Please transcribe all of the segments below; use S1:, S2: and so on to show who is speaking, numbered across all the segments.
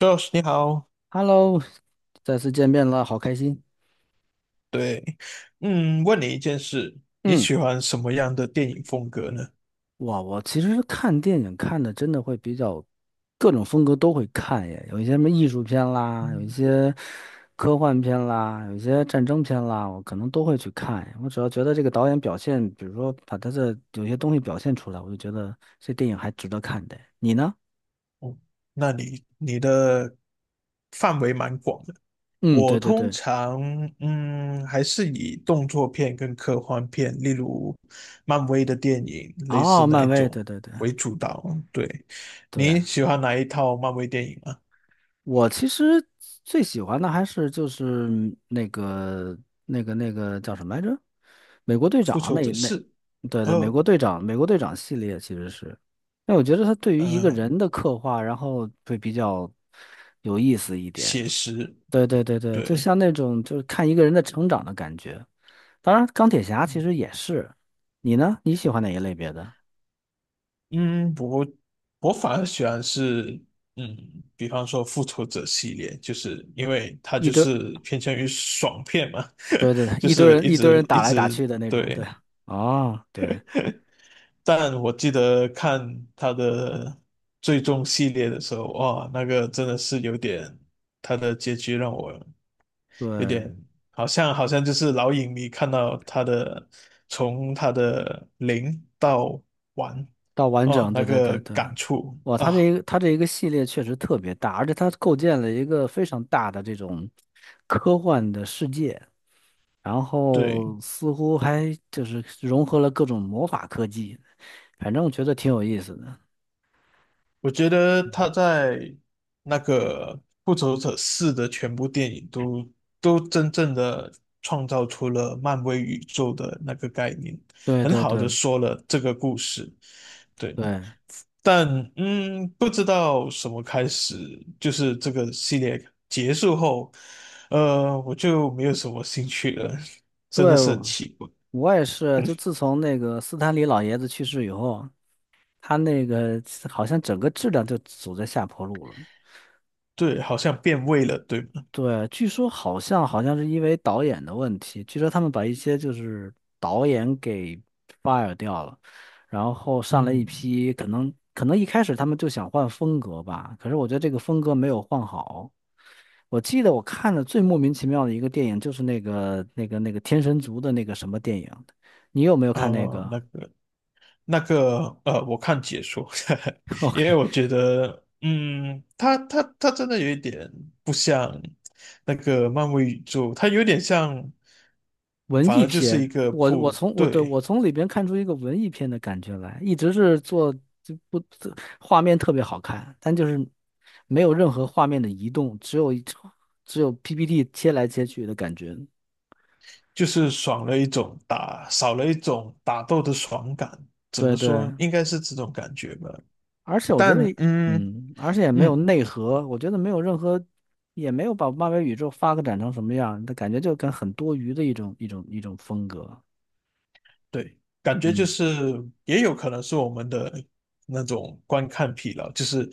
S1: Josh，你好，
S2: Hello，再次见面了，好开心。
S1: 对，问你一件事，你
S2: 嗯，
S1: 喜欢什么样的电影风格呢？
S2: 哇，我其实看电影看的真的会比较各种风格都会看耶，有一些什么艺术片啦，有一
S1: 嗯，
S2: 些科幻片啦，有一些战争片啦，我可能都会去看。我只要觉得这个导演表现，比如说把他的有些东西表现出来，我就觉得这电影还值得看的。你呢？
S1: 那你的范围蛮广的。
S2: 嗯，
S1: 我
S2: 对对
S1: 通
S2: 对，
S1: 常还是以动作片跟科幻片，例如漫威的电影，类似
S2: 哦，
S1: 那一
S2: 漫威，
S1: 种
S2: 对对对
S1: 为主导。对，
S2: 对。
S1: 你喜欢哪一套漫威电影啊？
S2: 我其实最喜欢的还是就是那个那个叫什么来着？美国队
S1: 复
S2: 长
S1: 仇者四，
S2: 对对，美
S1: 二，
S2: 国队长，美国队长系列其实是，那我觉得他对于一个
S1: 呃，
S2: 人的刻画，然后会比较有意思一点。
S1: 写实，
S2: 对对对对，就
S1: 对。
S2: 像那种就是看一个人的成长的感觉。当然，钢铁侠其
S1: 嗯
S2: 实也是。你呢？你喜欢哪一类别的？
S1: 嗯，我我反而喜欢是，嗯，比方说《复仇者》系列，就是因为它
S2: 一
S1: 就
S2: 堆，
S1: 是偏向于爽片嘛，
S2: 对对，
S1: 就
S2: 一堆
S1: 是
S2: 人
S1: 一
S2: 一堆
S1: 直
S2: 人
S1: 一
S2: 打来打
S1: 直，
S2: 去的那种，
S1: 对。
S2: 对。哦，对
S1: 但我记得看它的最终系列的时候，哇，那个真的是有点，它的结局让我有
S2: 对，
S1: 点好像就是老影迷看到他的从他的零到完，
S2: 到完
S1: 哦，
S2: 整，
S1: 那
S2: 对对
S1: 个
S2: 对对，
S1: 感触
S2: 哇，它这
S1: 啊。
S2: 一个它这一个系列确实特别大，而且它构建了一个非常大的这种科幻的世界，然
S1: 对，
S2: 后似乎还就是融合了各种魔法科技，反正我觉得挺有意思的。
S1: 我觉得他在那个《复仇者四》的全部电影都真正的创造出了漫威宇宙的那个概念，
S2: 对
S1: 很
S2: 对
S1: 好的
S2: 对
S1: 说了这个故事。对，
S2: 对
S1: 但不知道什么开始，就是这个系列结束后，我就没有什么兴趣了，真的是很
S2: 对，
S1: 奇怪。
S2: 我也是，就自从那个斯坦李老爷子去世以后，他那个好像整个质量就走在下坡路了。
S1: 对，好像变味了，对吗？
S2: 对，据说好像是因为导演的问题，据说他们把一些就是导演给 fire 掉了，然后上来一
S1: 嗯，
S2: 批，可能一开始他们就想换风格吧，可是我觉得这个风格没有换好。我记得我看的最莫名其妙的一个电影就是那个天神族的那个什么电影，你有没有看那个？
S1: 那个。那个我看解说，
S2: o
S1: 因为
S2: k
S1: 我觉得，它真的有一点不像那个漫威宇宙，它有点像，
S2: 文
S1: 反
S2: 艺
S1: 而就是一
S2: 片，
S1: 个
S2: 我我
S1: 普，
S2: 从我对我
S1: 对，
S2: 从里边看出一个文艺片的感觉来，一直是做就不画面特别好看，但就是没有任何画面的移动，只有 PPT 切来切去的感觉。
S1: 就是爽了一种打，少了一种打斗的爽感。怎
S2: 对
S1: 么说？
S2: 对，
S1: 应该是这种感觉吧。
S2: 而且我觉得
S1: 但
S2: 也而且也没有
S1: 嗯。
S2: 内核，我觉得没有任何，也没有把漫威宇宙发展成什么样，的感觉就跟很多余的一种风格。
S1: 对，感觉就
S2: 嗯，
S1: 是也有可能是我们的那种观看疲劳，就是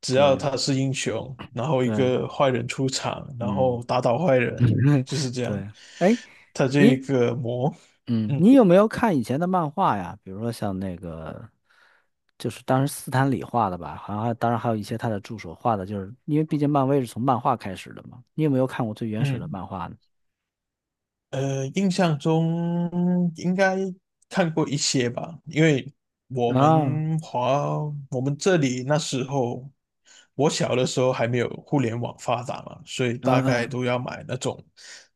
S1: 只要
S2: 对
S1: 他是英雄，然后一
S2: 对，
S1: 个坏人出场，然后
S2: 嗯，
S1: 打倒坏人，就是这样，
S2: 对，哎。
S1: 他这一
S2: 你
S1: 个魔，
S2: 嗯，
S1: 嗯
S2: 你有没有看以前的漫画呀？比如说像那个，就是当时斯坦李画的吧，好像还当然还有一些他的助手画的，就是因为毕竟漫威是从漫画开始的嘛。你有没有看过最原始的
S1: 嗯。
S2: 漫画呢？
S1: 印象中应该看过一些吧，因为我
S2: 啊，
S1: 们华我们这里那时候，我小的时候还没有互联网发达嘛，所以大
S2: 嗯
S1: 概
S2: 嗯
S1: 都要买那种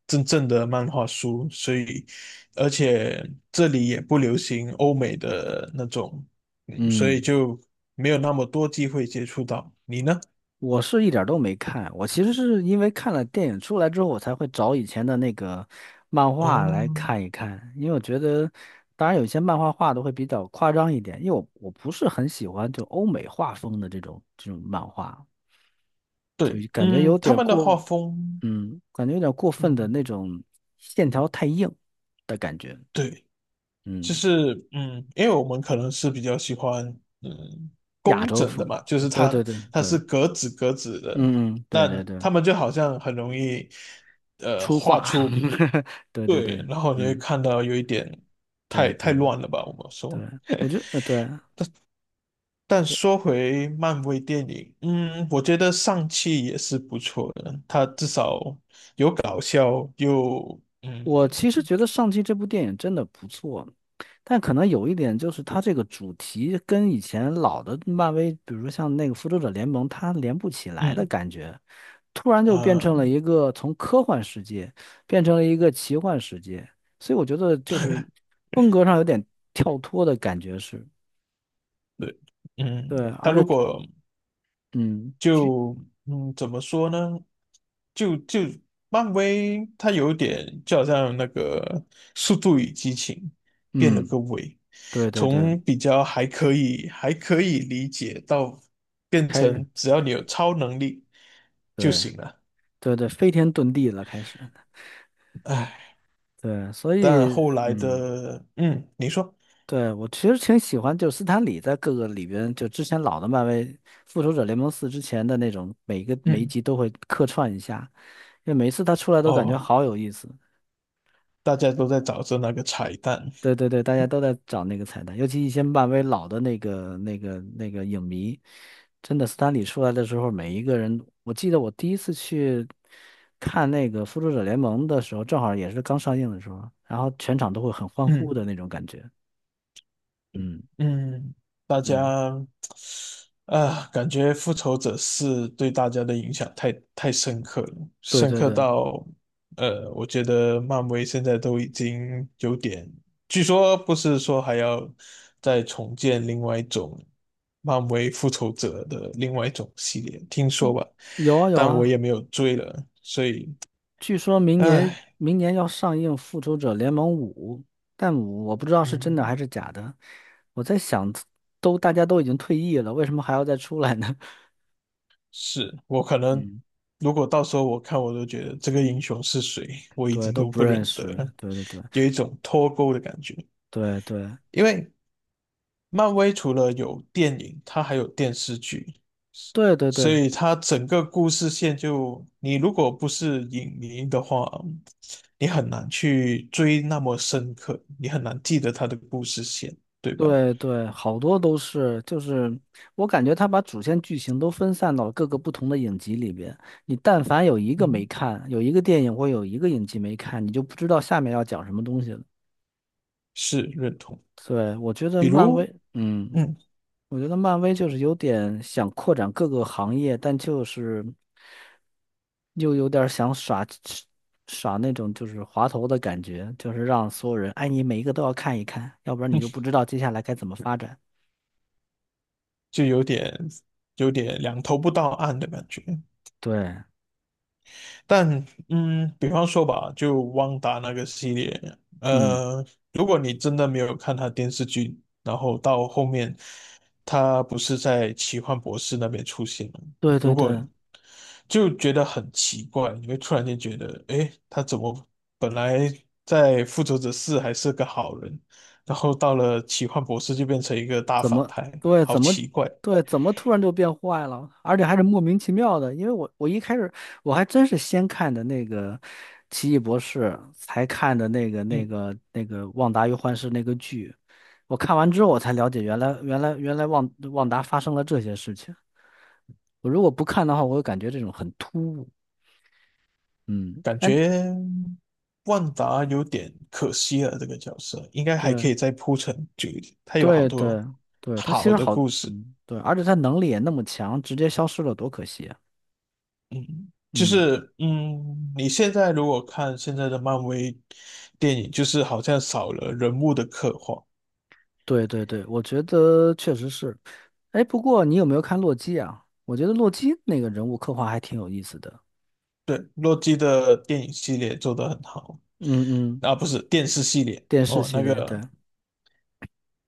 S1: 真正的漫画书，所以而且这里也不流行欧美的那种，所以
S2: 嗯，
S1: 就没有那么多机会接触到。你呢？
S2: 我是一点儿都没看，我其实是因为看了电影出来之后，我才会找以前的那个漫画
S1: 哦，
S2: 来看一看，因为我觉得，当然有些漫画画的会比较夸张一点，因为我不是很喜欢就欧美画风的这种漫画。就
S1: 对，
S2: 感觉有
S1: 他
S2: 点
S1: 们的画
S2: 过，
S1: 风，
S2: 嗯，感觉有点过分的
S1: 嗯。
S2: 那种线条太硬的感觉，
S1: 对，就
S2: 嗯，
S1: 是因为我们可能是比较喜欢嗯
S2: 亚
S1: 工
S2: 洲
S1: 整的
S2: 风，
S1: 嘛，就是
S2: 对对
S1: 它
S2: 对
S1: 它
S2: 对，
S1: 是格子格子的，
S2: 嗯嗯，对对
S1: 但
S2: 对，
S1: 他们就好像很容易
S2: 粗
S1: 画
S2: 犷，
S1: 出，
S2: 对对
S1: 对，
S2: 对，
S1: 然后你会
S2: 嗯，
S1: 看到有一点
S2: 对
S1: 太
S2: 对
S1: 乱了吧，我们说。
S2: 对，我觉得，对，
S1: 但说回漫威电影，我觉得上汽也是不错的，它至少搞笑又
S2: 我其实觉得《上期这部电影真的不错，但可能有一点就是它这个主题跟以前老的漫威，比如说像那个《复仇者联盟》，它连不起来的
S1: 嗯
S2: 感觉，突然就变成了
S1: 啊，
S2: 一个从科幻世界变成了一个奇幻世界，所以我觉得就是风格上有点跳脱的感觉是，
S1: 对嗯，
S2: 对，
S1: 它
S2: 而
S1: 如
S2: 且
S1: 果
S2: 嗯
S1: 就怎么说呢？就漫威，它有点就好像那个《速度与激情》变了个
S2: 嗯，
S1: 味，
S2: 对对对，
S1: 从比较还可以理解到变
S2: 开始
S1: 成只要你有超能力就
S2: 对
S1: 行了。
S2: 对对，飞天遁地了开始，
S1: 唉，
S2: 对，所
S1: 但
S2: 以
S1: 后来
S2: 嗯。
S1: 的你说
S2: 对，我其实挺喜欢，就是斯坦李在各个里边，就之前老的漫威《复仇者联盟四》之前的那种，每一个每一
S1: 嗯
S2: 集都会客串一下，因为每一次他出来都感觉
S1: 哦，
S2: 好有意思。
S1: 大家都在找着那个彩蛋，
S2: 对对对，大家都在找那个彩蛋，尤其一些漫威老的那个影迷，真的斯坦李出来的时候，每一个人，我记得我第一次去看那个《复仇者联盟》的时候，正好也是刚上映的时候，然后全场都会很欢呼
S1: 嗯
S2: 的那种感觉。嗯，
S1: 嗯，大家。
S2: 对
S1: 啊，感觉《复仇者四》对大家的影响太深刻了，
S2: 对
S1: 深
S2: 对
S1: 刻
S2: 对。
S1: 到，我觉得漫威现在都已经有点，据说不是说还要再重建另外一种漫威复仇者的另外一种系列，听说
S2: 嗯
S1: 吧，
S2: 有啊有
S1: 但我
S2: 啊，
S1: 也没有追了，所以，
S2: 据说明年
S1: 唉，
S2: 明年要上映《复仇者联盟五》，但我不知道是真的
S1: 嗯。
S2: 还是假的。我在想，大家都已经退役了，为什么还要再出来呢？
S1: 是我可能，
S2: 嗯，
S1: 如果到时候我看，我都觉得这个英雄是谁，我已
S2: 对，
S1: 经
S2: 都
S1: 都
S2: 不
S1: 不认
S2: 认
S1: 得
S2: 识。
S1: 了，
S2: 对对对
S1: 有一种脱钩的感觉。
S2: 对对对
S1: 因为漫威除了有电影，它还有电视剧，
S2: 对
S1: 所
S2: 对
S1: 以它整个故事线就，你如果不是影迷的话，你很难去追那么深刻，你很难记得它的故事线，对吧？
S2: 对对，好多都是，就是我感觉他把主线剧情都分散到了各个不同的影集里边。你但凡有一个没
S1: 嗯，
S2: 看，有一个电影或有一个影集没看，你就不知道下面要讲什么东西了。
S1: 是认同。
S2: 对，我觉得
S1: 比
S2: 漫
S1: 如，
S2: 威，嗯，
S1: 嗯，
S2: 我觉得漫威就是有点想扩展各个行业，但就是又有点儿想耍耍那种就是滑头的感觉，就是让所有人，哎，你每一个都要看一看，要不然你就不知道接下来该怎么发展。
S1: 就有点两头不到岸的感觉。
S2: 对，
S1: 但比方说吧，就旺达那个系列，
S2: 嗯，
S1: 呃，如果你真的没有看他电视剧，然后到后面他不是在奇幻博士那边出现了，
S2: 对
S1: 如
S2: 对
S1: 果
S2: 对，
S1: 就觉得很奇怪，你会突然间觉得，诶，他怎么本来在复仇者四还是个好人，然后到了奇幻博士就变成一个大
S2: 怎
S1: 反
S2: 么
S1: 派，
S2: 对
S1: 好
S2: 怎么
S1: 奇怪。
S2: 对怎么突然就变坏了，而且还是莫名其妙的。因为我一开始我还真是先看的那个《奇异博士》，才看的那个那
S1: 嗯。
S2: 个那个《旺达与幻视》那个剧。我看完之后，我才了解原来旺达发生了这些事情。我如果不看的话，我会感觉这种很突兀。嗯，
S1: 感
S2: 但
S1: 觉万达有点可惜了，这个角色应该还可
S2: 对
S1: 以再铺陈久一点。他有好
S2: 对
S1: 多
S2: 对对，他其
S1: 好
S2: 实
S1: 的
S2: 好，
S1: 故事，
S2: 嗯，对，而且他能力也那么强，直接消失了，多可惜啊。
S1: 嗯，就
S2: 嗯。
S1: 是你现在如果看现在的漫威电影，就是好像少了人物的刻画。
S2: 对对对，我觉得确实是。哎，不过你有没有看洛基啊？我觉得洛基那个人物刻画还挺有意思的。
S1: 对，洛基的电影系列做得很好，
S2: 嗯嗯，
S1: 啊，不是电视系列
S2: 电视
S1: 哦，
S2: 系
S1: 那
S2: 列，
S1: 个，
S2: 对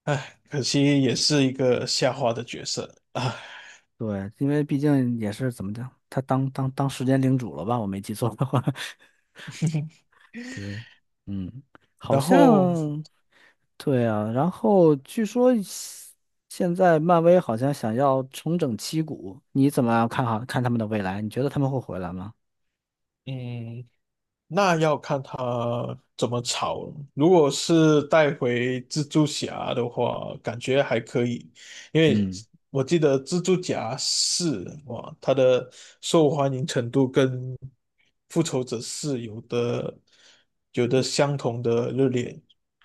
S1: 唉，可惜也是一个下滑的角色啊。唉
S2: 对，因为毕竟也是怎么讲，他当时间领主了吧？我没记错的话，对，嗯，好
S1: 然后，
S2: 像对啊。然后据说现在漫威好像想要重整旗鼓，你怎么看好看他们的未来？你觉得他们会回来吗？
S1: 嗯，那要看他怎么炒了。如果是带回蜘蛛侠的话，感觉还可以，因为
S2: 嗯。
S1: 我记得蜘蛛侠四哇，它的受欢迎程度跟复仇者四有的相同的热烈，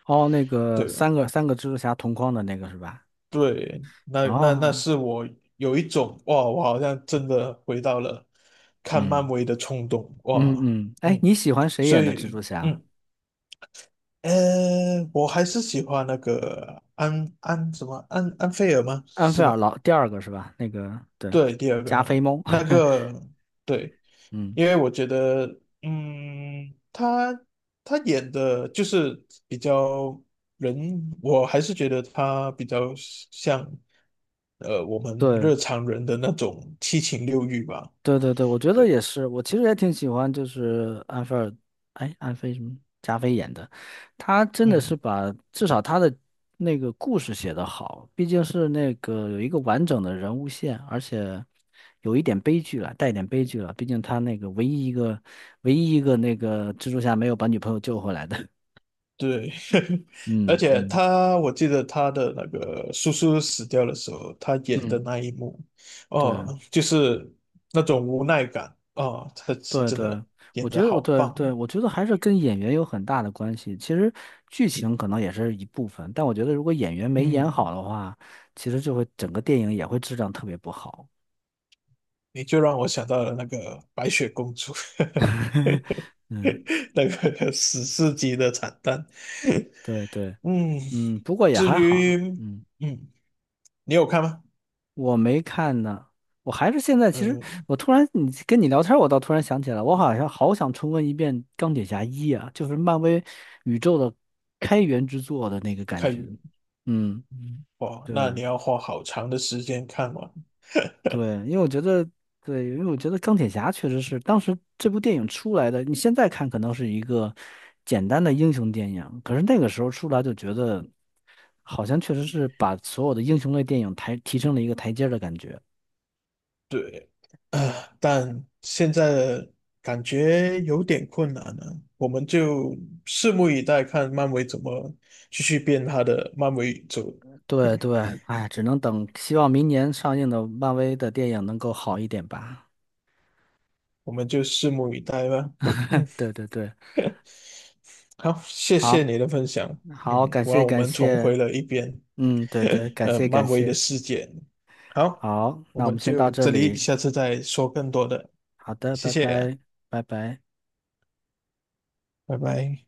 S2: 哦，那个
S1: 对吧？
S2: 三个蜘蛛侠同框的那个是吧？
S1: 对，那
S2: 哦，
S1: 是我有一种哇，我好像真的回到了看漫
S2: 嗯
S1: 威的冲动
S2: 嗯
S1: 哇，
S2: 嗯，哎，
S1: 嗯，
S2: 你喜欢谁
S1: 所
S2: 演的蜘
S1: 以。
S2: 蛛侠？
S1: 嗯。呃，我还是喜欢那个安什么安菲尔吗？
S2: 安
S1: 是
S2: 菲尔
S1: 吗？
S2: 老第二个是吧？那个对，
S1: 对，第二个
S2: 加菲
S1: 呢，
S2: 猫，
S1: 那个对，
S2: 嗯，
S1: 因为我觉得，嗯，他他演的就是比较人，我还是觉得他比较像我们
S2: 对，
S1: 日常人的那种七情六欲吧。
S2: 对对对，我觉得也
S1: 对，
S2: 是，我其实也挺喜欢，就是安菲尔，哎，安菲什么加菲演的，他真的是
S1: 嗯。
S2: 把至少他的那个故事写得好，毕竟是那个有一个完整的人物线，而且有一点悲剧了，带一点悲剧了，毕竟他那个唯一一个那个蜘蛛侠没有把女朋友救回来的，
S1: 对，而
S2: 嗯
S1: 且
S2: 嗯
S1: 他，我记得他的那个叔叔死掉的时候，他演的
S2: 嗯，
S1: 那一幕，
S2: 对。
S1: 哦，就是那种无奈感，哦，他
S2: 对
S1: 真
S2: 对，
S1: 的
S2: 我
S1: 演得
S2: 觉得我
S1: 好
S2: 对对，
S1: 棒，
S2: 我觉得还是跟演员有很大的关系。其实剧情可能也是一部分，但我觉得如果演员没演
S1: 嗯，
S2: 好的话，其实就会整个电影也会质量特别不好。
S1: 你就让我想到了那个白雪公主，
S2: 嗯，
S1: 那个史诗级的惨淡，
S2: 对对，
S1: 嗯，
S2: 嗯，不过也
S1: 至
S2: 还好。
S1: 于，
S2: 嗯，
S1: 嗯，你有看吗？
S2: 我没看呢，我还是现在其实
S1: 嗯，
S2: 我突然你聊天儿我倒突然想起来，我好像好想重温一遍《钢铁侠一》啊，就是漫威宇宙的开源之作的那个感
S1: 看，
S2: 觉。嗯，
S1: 嗯，哇，那
S2: 对。
S1: 你要花好长的时间看完。
S2: 对，因为我觉得，对，因为我觉得钢铁侠确实是当时这部电影出来的，你现在看可能是一个简单的英雄电影，可是那个时候出来就觉得，好像确实是把所有的英雄类电影提升了一个台阶儿的感觉。
S1: 对，啊，但现在的感觉有点困难了，我们就拭目以待，看漫威怎么继续变他的漫威宇宙。
S2: 对
S1: 嗯
S2: 对，哎，只能等，希望明年上映的漫威的电影能够好一点吧。
S1: 我们就拭目以待吧。嗯，
S2: 对对对，
S1: 好，谢谢
S2: 好，
S1: 你的分享。
S2: 好，感
S1: 我
S2: 谢
S1: 让我
S2: 感
S1: 们重
S2: 谢，
S1: 回了一遍
S2: 嗯，对对，感谢感
S1: 漫威的
S2: 谢，
S1: 世界。好，
S2: 好，
S1: 我
S2: 那我
S1: 们
S2: 们先
S1: 就
S2: 到这
S1: 这里，
S2: 里，
S1: 下次再说更多的。
S2: 好的，
S1: 谢
S2: 拜
S1: 谢，
S2: 拜，拜拜。
S1: 拜拜。